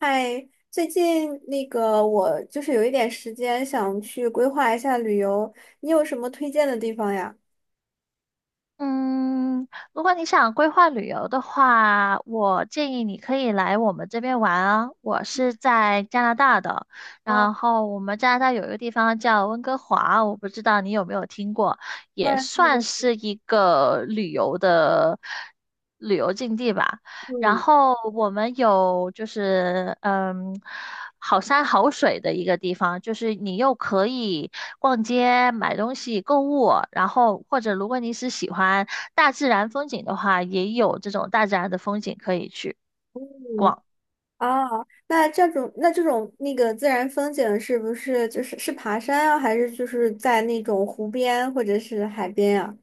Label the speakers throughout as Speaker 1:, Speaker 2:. Speaker 1: 嗨，最近我就是有一点时间，想去规划一下旅游，你有什么推荐的地方呀？
Speaker 2: 嗯，如果你想规划旅游的话，我建议你可以来我们这边玩啊。我是在加拿大的，
Speaker 1: 啊，
Speaker 2: 然后我们加拿大有一个地方叫温哥华，我不知道你有没有听过，
Speaker 1: 当
Speaker 2: 也
Speaker 1: 然看
Speaker 2: 算
Speaker 1: 过。
Speaker 2: 是一个旅游境地吧。然
Speaker 1: 嗯
Speaker 2: 后我们有好山好水的一个地方，就是你又可以逛街、买东西、购物，然后或者如果你是喜欢大自然风景的话，也有这种大自然的风景可以去
Speaker 1: 嗯。
Speaker 2: 逛。
Speaker 1: 啊，那这种自然风景是不是是爬山啊，还是就是在那种湖边或者是海边呀？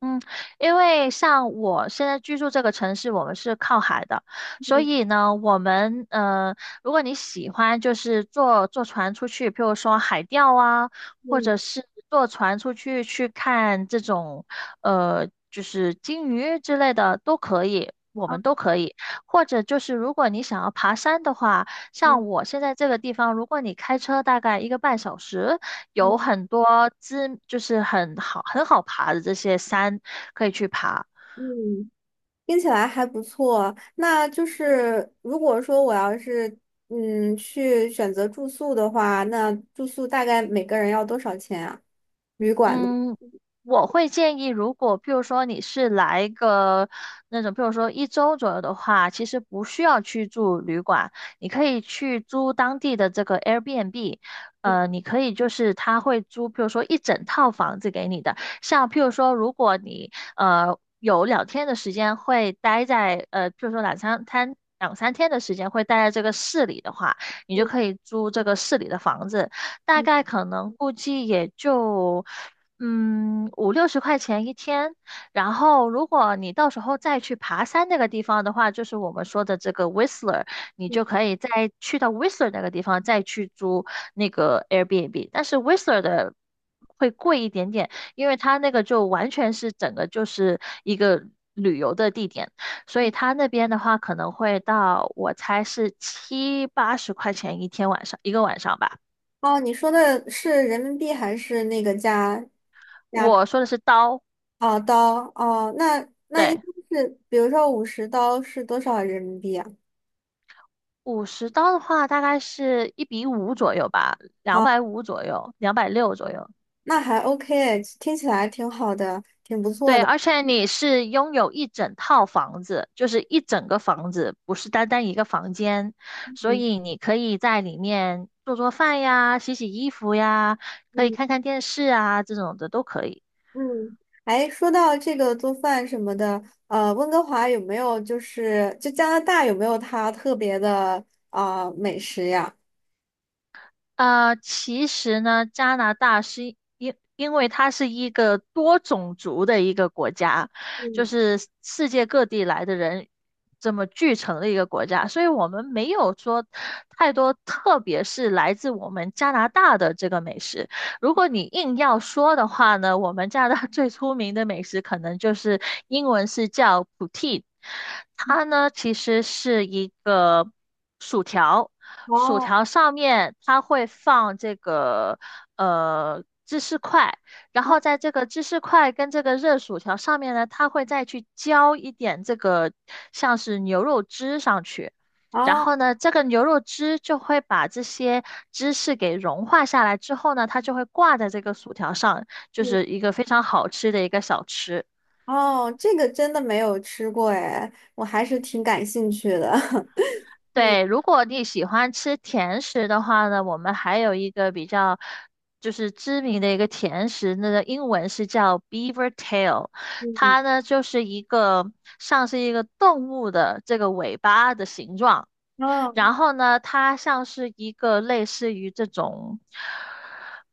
Speaker 2: 嗯，因为像我现在居住这个城市，我们是靠海的，所
Speaker 1: 嗯
Speaker 2: 以呢，如果你喜欢，就是坐船出去，譬如说海钓啊，或者
Speaker 1: 嗯，
Speaker 2: 是坐船出去去看这种就是鲸鱼之类的都可以，我们
Speaker 1: 啊，
Speaker 2: 都可以。或者就是如果你想要爬山的话，像
Speaker 1: 嗯
Speaker 2: 我现在这个地方，如果你开车大概一个半小时。有
Speaker 1: 嗯
Speaker 2: 很多知，就是很好爬的这些山可以去爬。
Speaker 1: 嗯。听起来还不错。那就是如果说我要是去选择住宿的话，那住宿大概每个人要多少钱啊？旅馆的？
Speaker 2: 嗯，我会建议，如果譬如说你是来个那种，譬如说一周左右的话，其实不需要去住旅馆，你可以去租当地的这个 Airbnb。你可以就是他会租，譬如说一整套房子给你的。像譬如说，如果你有两天的时间会待在譬如说两三天的时间会待在这个市里的话，你就可以租这个市里的房子。大概可能估计也就五六十块钱一天。然后如果你到时候再去爬山那个地方的话，就是我们说的这个 Whistler,你就可以再去到 Whistler 那个地方再去租那个 Airbnb。但是 Whistler 的会贵一点点，因为它那个就完全是整个就是一个旅游的地点。所以他那边的话可能会到，我猜是七八十块钱一天晚上，一个晚上吧。
Speaker 1: 哦，你说的是人民币还是加
Speaker 2: 我说的是刀，
Speaker 1: 哦，刀哦？那应
Speaker 2: 对，
Speaker 1: 该是，比如说50刀是多少人民币啊？
Speaker 2: 五十刀的话大概是一比五左右吧，两
Speaker 1: 哦，
Speaker 2: 百五左右，两百六左右。
Speaker 1: 那还 OK，听起来挺好的，挺不错
Speaker 2: 对，
Speaker 1: 的。
Speaker 2: 而且你是拥有一整套房子，就是一整个房子，不是单单一个房间，所
Speaker 1: 嗯
Speaker 2: 以你可以在里面做做饭呀，洗洗衣服呀，可以
Speaker 1: 嗯
Speaker 2: 看看电视啊，这种的都可以。
Speaker 1: 嗯。哎，说到这个做饭什么的，温哥华有没有就加拿大有没有它特别的啊、美食呀？
Speaker 2: 其实呢，加拿大是因为它是一个多种族的一个国家，就
Speaker 1: 嗯，
Speaker 2: 是世界各地来的人这么聚成的一个国家，所以我们没有说太多，特别是来自我们加拿大的这个美食。如果你硬要说的话呢，我们加拿大 最出名的美食可能就是英文是叫 poutine,它呢其实是一个薯条。薯
Speaker 1: 哦，
Speaker 2: 条上面它会放这个芝士块，然
Speaker 1: 啊，
Speaker 2: 后在这个芝士块跟这个热薯条上面呢，它会再去浇一点这个像是牛肉汁上去，然
Speaker 1: 哦，
Speaker 2: 后呢，这个牛肉汁就会把这些芝士给融化下来之后呢，它就会挂在这个薯条上，就
Speaker 1: 嗯，
Speaker 2: 是一个非常好吃的一个小吃。
Speaker 1: 哦，这个真的没有吃过哎，我还是挺感兴趣的。嗯
Speaker 2: 对，如果你喜欢吃甜食的话呢，我们还有一个比较就是知名的一个甜食，那个英文是叫 Beaver Tail,
Speaker 1: 嗯，
Speaker 2: 它呢就是一个像是一个动物的这个尾巴的形状。
Speaker 1: 哦，
Speaker 2: 然后呢，它像是一个类似于这种，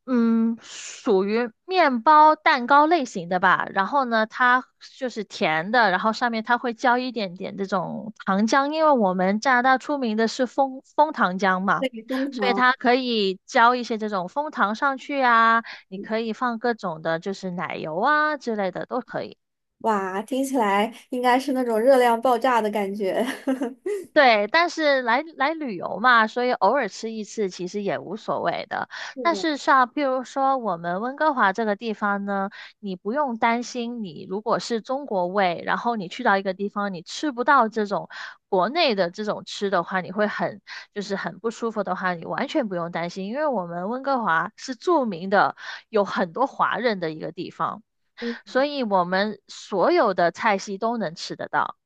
Speaker 2: 嗯，属于面包蛋糕类型的吧。然后呢，它就是甜的，然后上面它会浇一点点这种糖浆，因为我们加拿大出名的是蜂糖浆嘛。
Speaker 1: 对，枫
Speaker 2: 所以
Speaker 1: 糖，
Speaker 2: 它可以浇一些这种蜂糖上去啊，你可以放各种的，就是奶油啊之类的都可以。
Speaker 1: 哇，听起来应该是那种热量爆炸的感觉。
Speaker 2: 对，但是来旅游嘛，所以偶尔吃一次其实也无所谓的。
Speaker 1: 是
Speaker 2: 但
Speaker 1: 的，
Speaker 2: 是像譬如说我们温哥华这个地方呢，你不用担心，你如果是中国胃，然后你去到一个地方，你吃不到这种国内的这种吃的话，你会很就是很不舒服的话，你完全不用担心，因为我们温哥华是著名的有很多华人的一个地方，
Speaker 1: 嗯，
Speaker 2: 所以我们所有的菜系都能吃得到，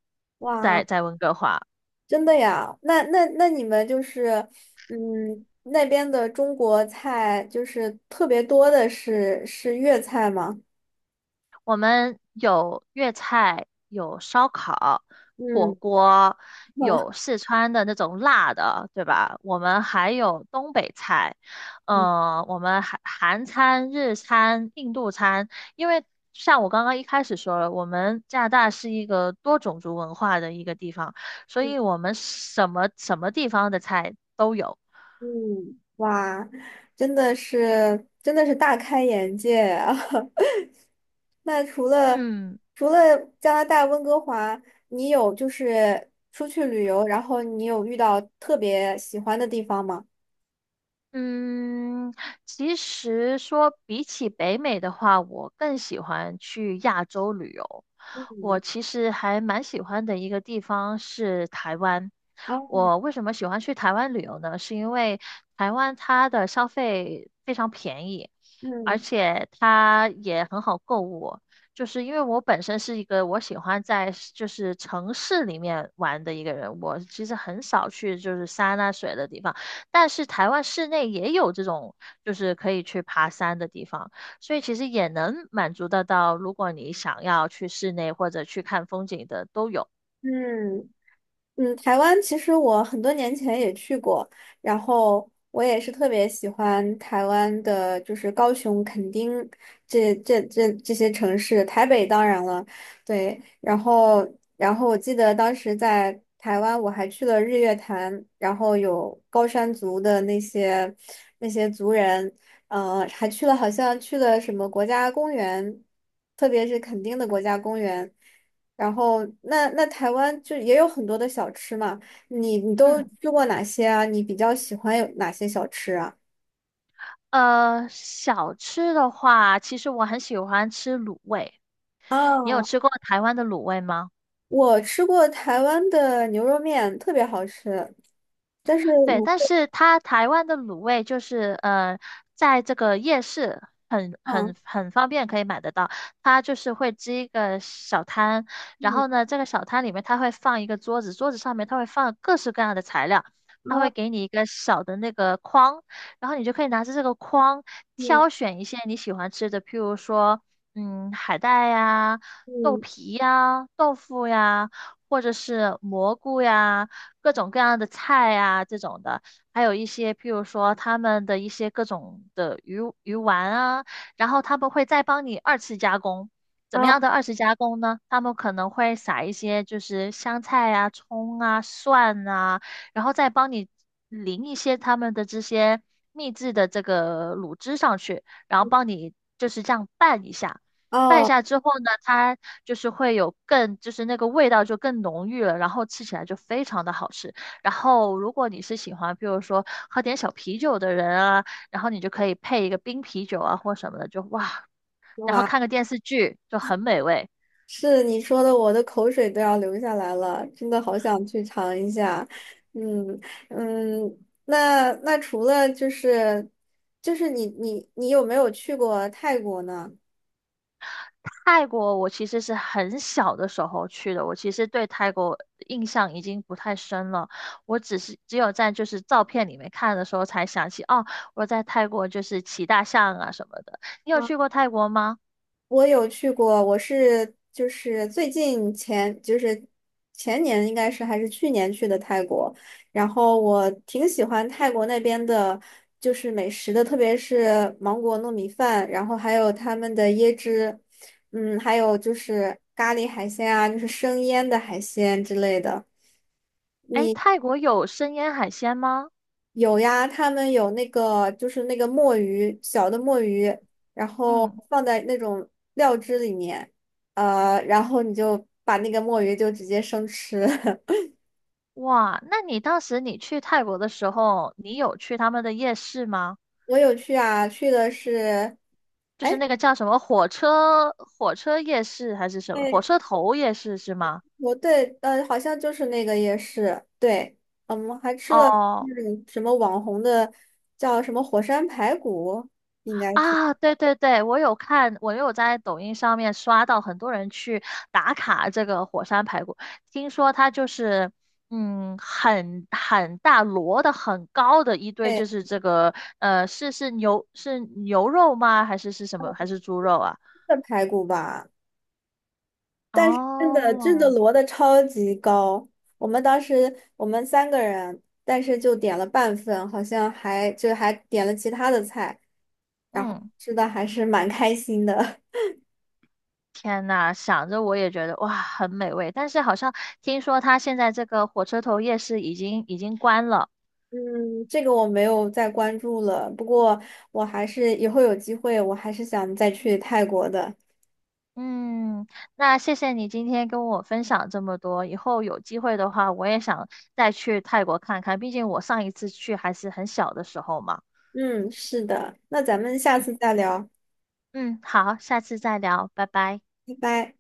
Speaker 2: 在
Speaker 1: 哇。
Speaker 2: 在温哥华。
Speaker 1: 真的呀？那你们就是，嗯，那边的中国菜就是特别多的是粤菜吗？
Speaker 2: 我们有粤菜，有烧烤、火
Speaker 1: 嗯。
Speaker 2: 锅，有四川的那种辣的，对吧？我们还有东北菜，
Speaker 1: 嗯
Speaker 2: 我们韩餐、日餐、印度餐。因为像我刚刚一开始说了，我们加拿大是一个多种族文化的一个地方，所
Speaker 1: 嗯，
Speaker 2: 以我们什么地方的菜都有。
Speaker 1: 嗯，哇，真的是真的是大开眼界啊！那除了
Speaker 2: 嗯。
Speaker 1: 加拿大温哥华，你有就是出去旅游，然后你有遇到特别喜欢的地方吗？
Speaker 2: 嗯，其实说比起北美的话，我更喜欢去亚洲旅游。我
Speaker 1: 嗯，
Speaker 2: 其实还蛮喜欢的一个地方是台湾。
Speaker 1: 哦，
Speaker 2: 我为什么喜欢去台湾旅游呢？是因为台湾它的消费非常便宜，而
Speaker 1: 嗯
Speaker 2: 且它也很好购物。就是因为我本身是一个我喜欢在就是城市里面玩的一个人，我其实很少去就是山啊水的地方。但是台湾室内也有这种，就是可以去爬山的地方，所以其实也能满足得到，如果你想要去室内或者去看风景的都有。
Speaker 1: 嗯。嗯，台湾其实我很多年前也去过，然后我也是特别喜欢台湾的，就是高雄、垦丁这些城市，台北当然了。对，然后我记得当时在台湾我还去了日月潭，然后有高山族的那些族人，还去了好像去了什么国家公园，特别是垦丁的国家公园。然后那台湾就也有很多的小吃嘛，你都
Speaker 2: 嗯，
Speaker 1: 吃过哪些啊？你比较喜欢有哪些小吃啊？
Speaker 2: 小吃的话，其实我很喜欢吃卤味，你有
Speaker 1: 啊，
Speaker 2: 吃过台湾的卤味吗？
Speaker 1: 我吃过台湾的牛肉面，特别好吃，但是
Speaker 2: 对，
Speaker 1: 卤
Speaker 2: 但
Speaker 1: 配
Speaker 2: 是它台湾的卤味在这个夜市很
Speaker 1: 饭。
Speaker 2: 很很方便可以买得到。它就是会支一个小摊，然后
Speaker 1: 嗯，
Speaker 2: 呢，这个小摊里面它会放一个桌子，桌子上面它会放各式各样的材料，它会
Speaker 1: 啊，
Speaker 2: 给你一个小的那个筐，然后你就可以拿着这个筐
Speaker 1: 嗯
Speaker 2: 挑选一些你喜欢吃的，譬如说，海带呀、豆
Speaker 1: 嗯，
Speaker 2: 皮呀、豆腐呀，或者是蘑菇呀。各种各样的菜啊这种的，还有一些譬如说他们的一些各种的鱼丸啊，然后他们会再帮你二次加工。怎么
Speaker 1: 啊，
Speaker 2: 样的二次加工呢？他们可能会撒一些就是香菜啊、葱啊、蒜啊，然后再帮你淋一些他们的这些秘制的这个卤汁上去，然后帮你就是这样拌一下。拌
Speaker 1: 哦，
Speaker 2: 下之后呢，它就是会有更，就是那个味道就更浓郁了，然后吃起来就非常的好吃。然后如果你是喜欢，比如说喝点小啤酒的人啊，然后你就可以配一个冰啤酒啊或什么的，就哇，然后
Speaker 1: 哇，
Speaker 2: 看个电视剧就很美味。
Speaker 1: 是你说的，我的口水都要流下来了，真的好想去尝一下。嗯嗯，那除了你有没有去过泰国呢？
Speaker 2: 泰国我其实是很小的时候去的，我其实对泰国印象已经不太深了，我只是只有在就是照片里面看的时候才想起，哦，我在泰国就是骑大象啊什么的。你有
Speaker 1: 嗯，
Speaker 2: 去过泰国吗？
Speaker 1: 我有去过，我是就是最近前年应该是还是去年去的泰国，然后我挺喜欢泰国那边的，就是美食的，特别是芒果糯米饭，然后还有他们的椰汁，嗯，还有就是咖喱海鲜啊，就是生腌的海鲜之类的。
Speaker 2: 哎，泰国有生腌海鲜吗？
Speaker 1: 有呀，他们有那个墨鱼，小的墨鱼，然后
Speaker 2: 嗯，
Speaker 1: 放在那种料汁里面，然后你就把那个墨鱼就直接生吃。
Speaker 2: 哇，那你当时你去泰国的时候，你有去他们的夜市吗？
Speaker 1: 我有去啊，去的是，
Speaker 2: 就是
Speaker 1: 哎，
Speaker 2: 那个叫什么火车夜市还是什么火
Speaker 1: 对，
Speaker 2: 车头夜市是吗？
Speaker 1: 我对，好像就是那个夜市，对，嗯我们还吃了
Speaker 2: 哦，
Speaker 1: 那种什么网红的叫什么火山排骨，应该是，
Speaker 2: 啊，对对对，我有看，我有在抖音上面刷到很多人去打卡这个火山排骨，听说它就是，很大摞的很高的一堆，
Speaker 1: 对，
Speaker 2: 就是这个，是是牛是牛肉吗？还是是什么？还是猪肉啊？
Speaker 1: 是排骨吧。但是真的真的
Speaker 2: 哦，
Speaker 1: 摞的超级高，我们当时我们三个人，但是就点了半份，好像还点了其他的菜，然后
Speaker 2: 嗯，
Speaker 1: 吃的还是蛮开心的。
Speaker 2: 天呐，想着我也觉得哇，很美味，但是好像听说它现在这个火车头夜市已经关了。
Speaker 1: 嗯，这个我没有再关注了，不过我还是以后有机会，我还是想再去泰国的。
Speaker 2: 嗯，那谢谢你今天跟我分享这么多。以后有机会的话，我也想再去泰国看看，毕竟我上一次去还是很小的时候嘛。
Speaker 1: 嗯，是的，那咱们下次再聊，
Speaker 2: 嗯，好，下次再聊，拜拜。
Speaker 1: 拜拜。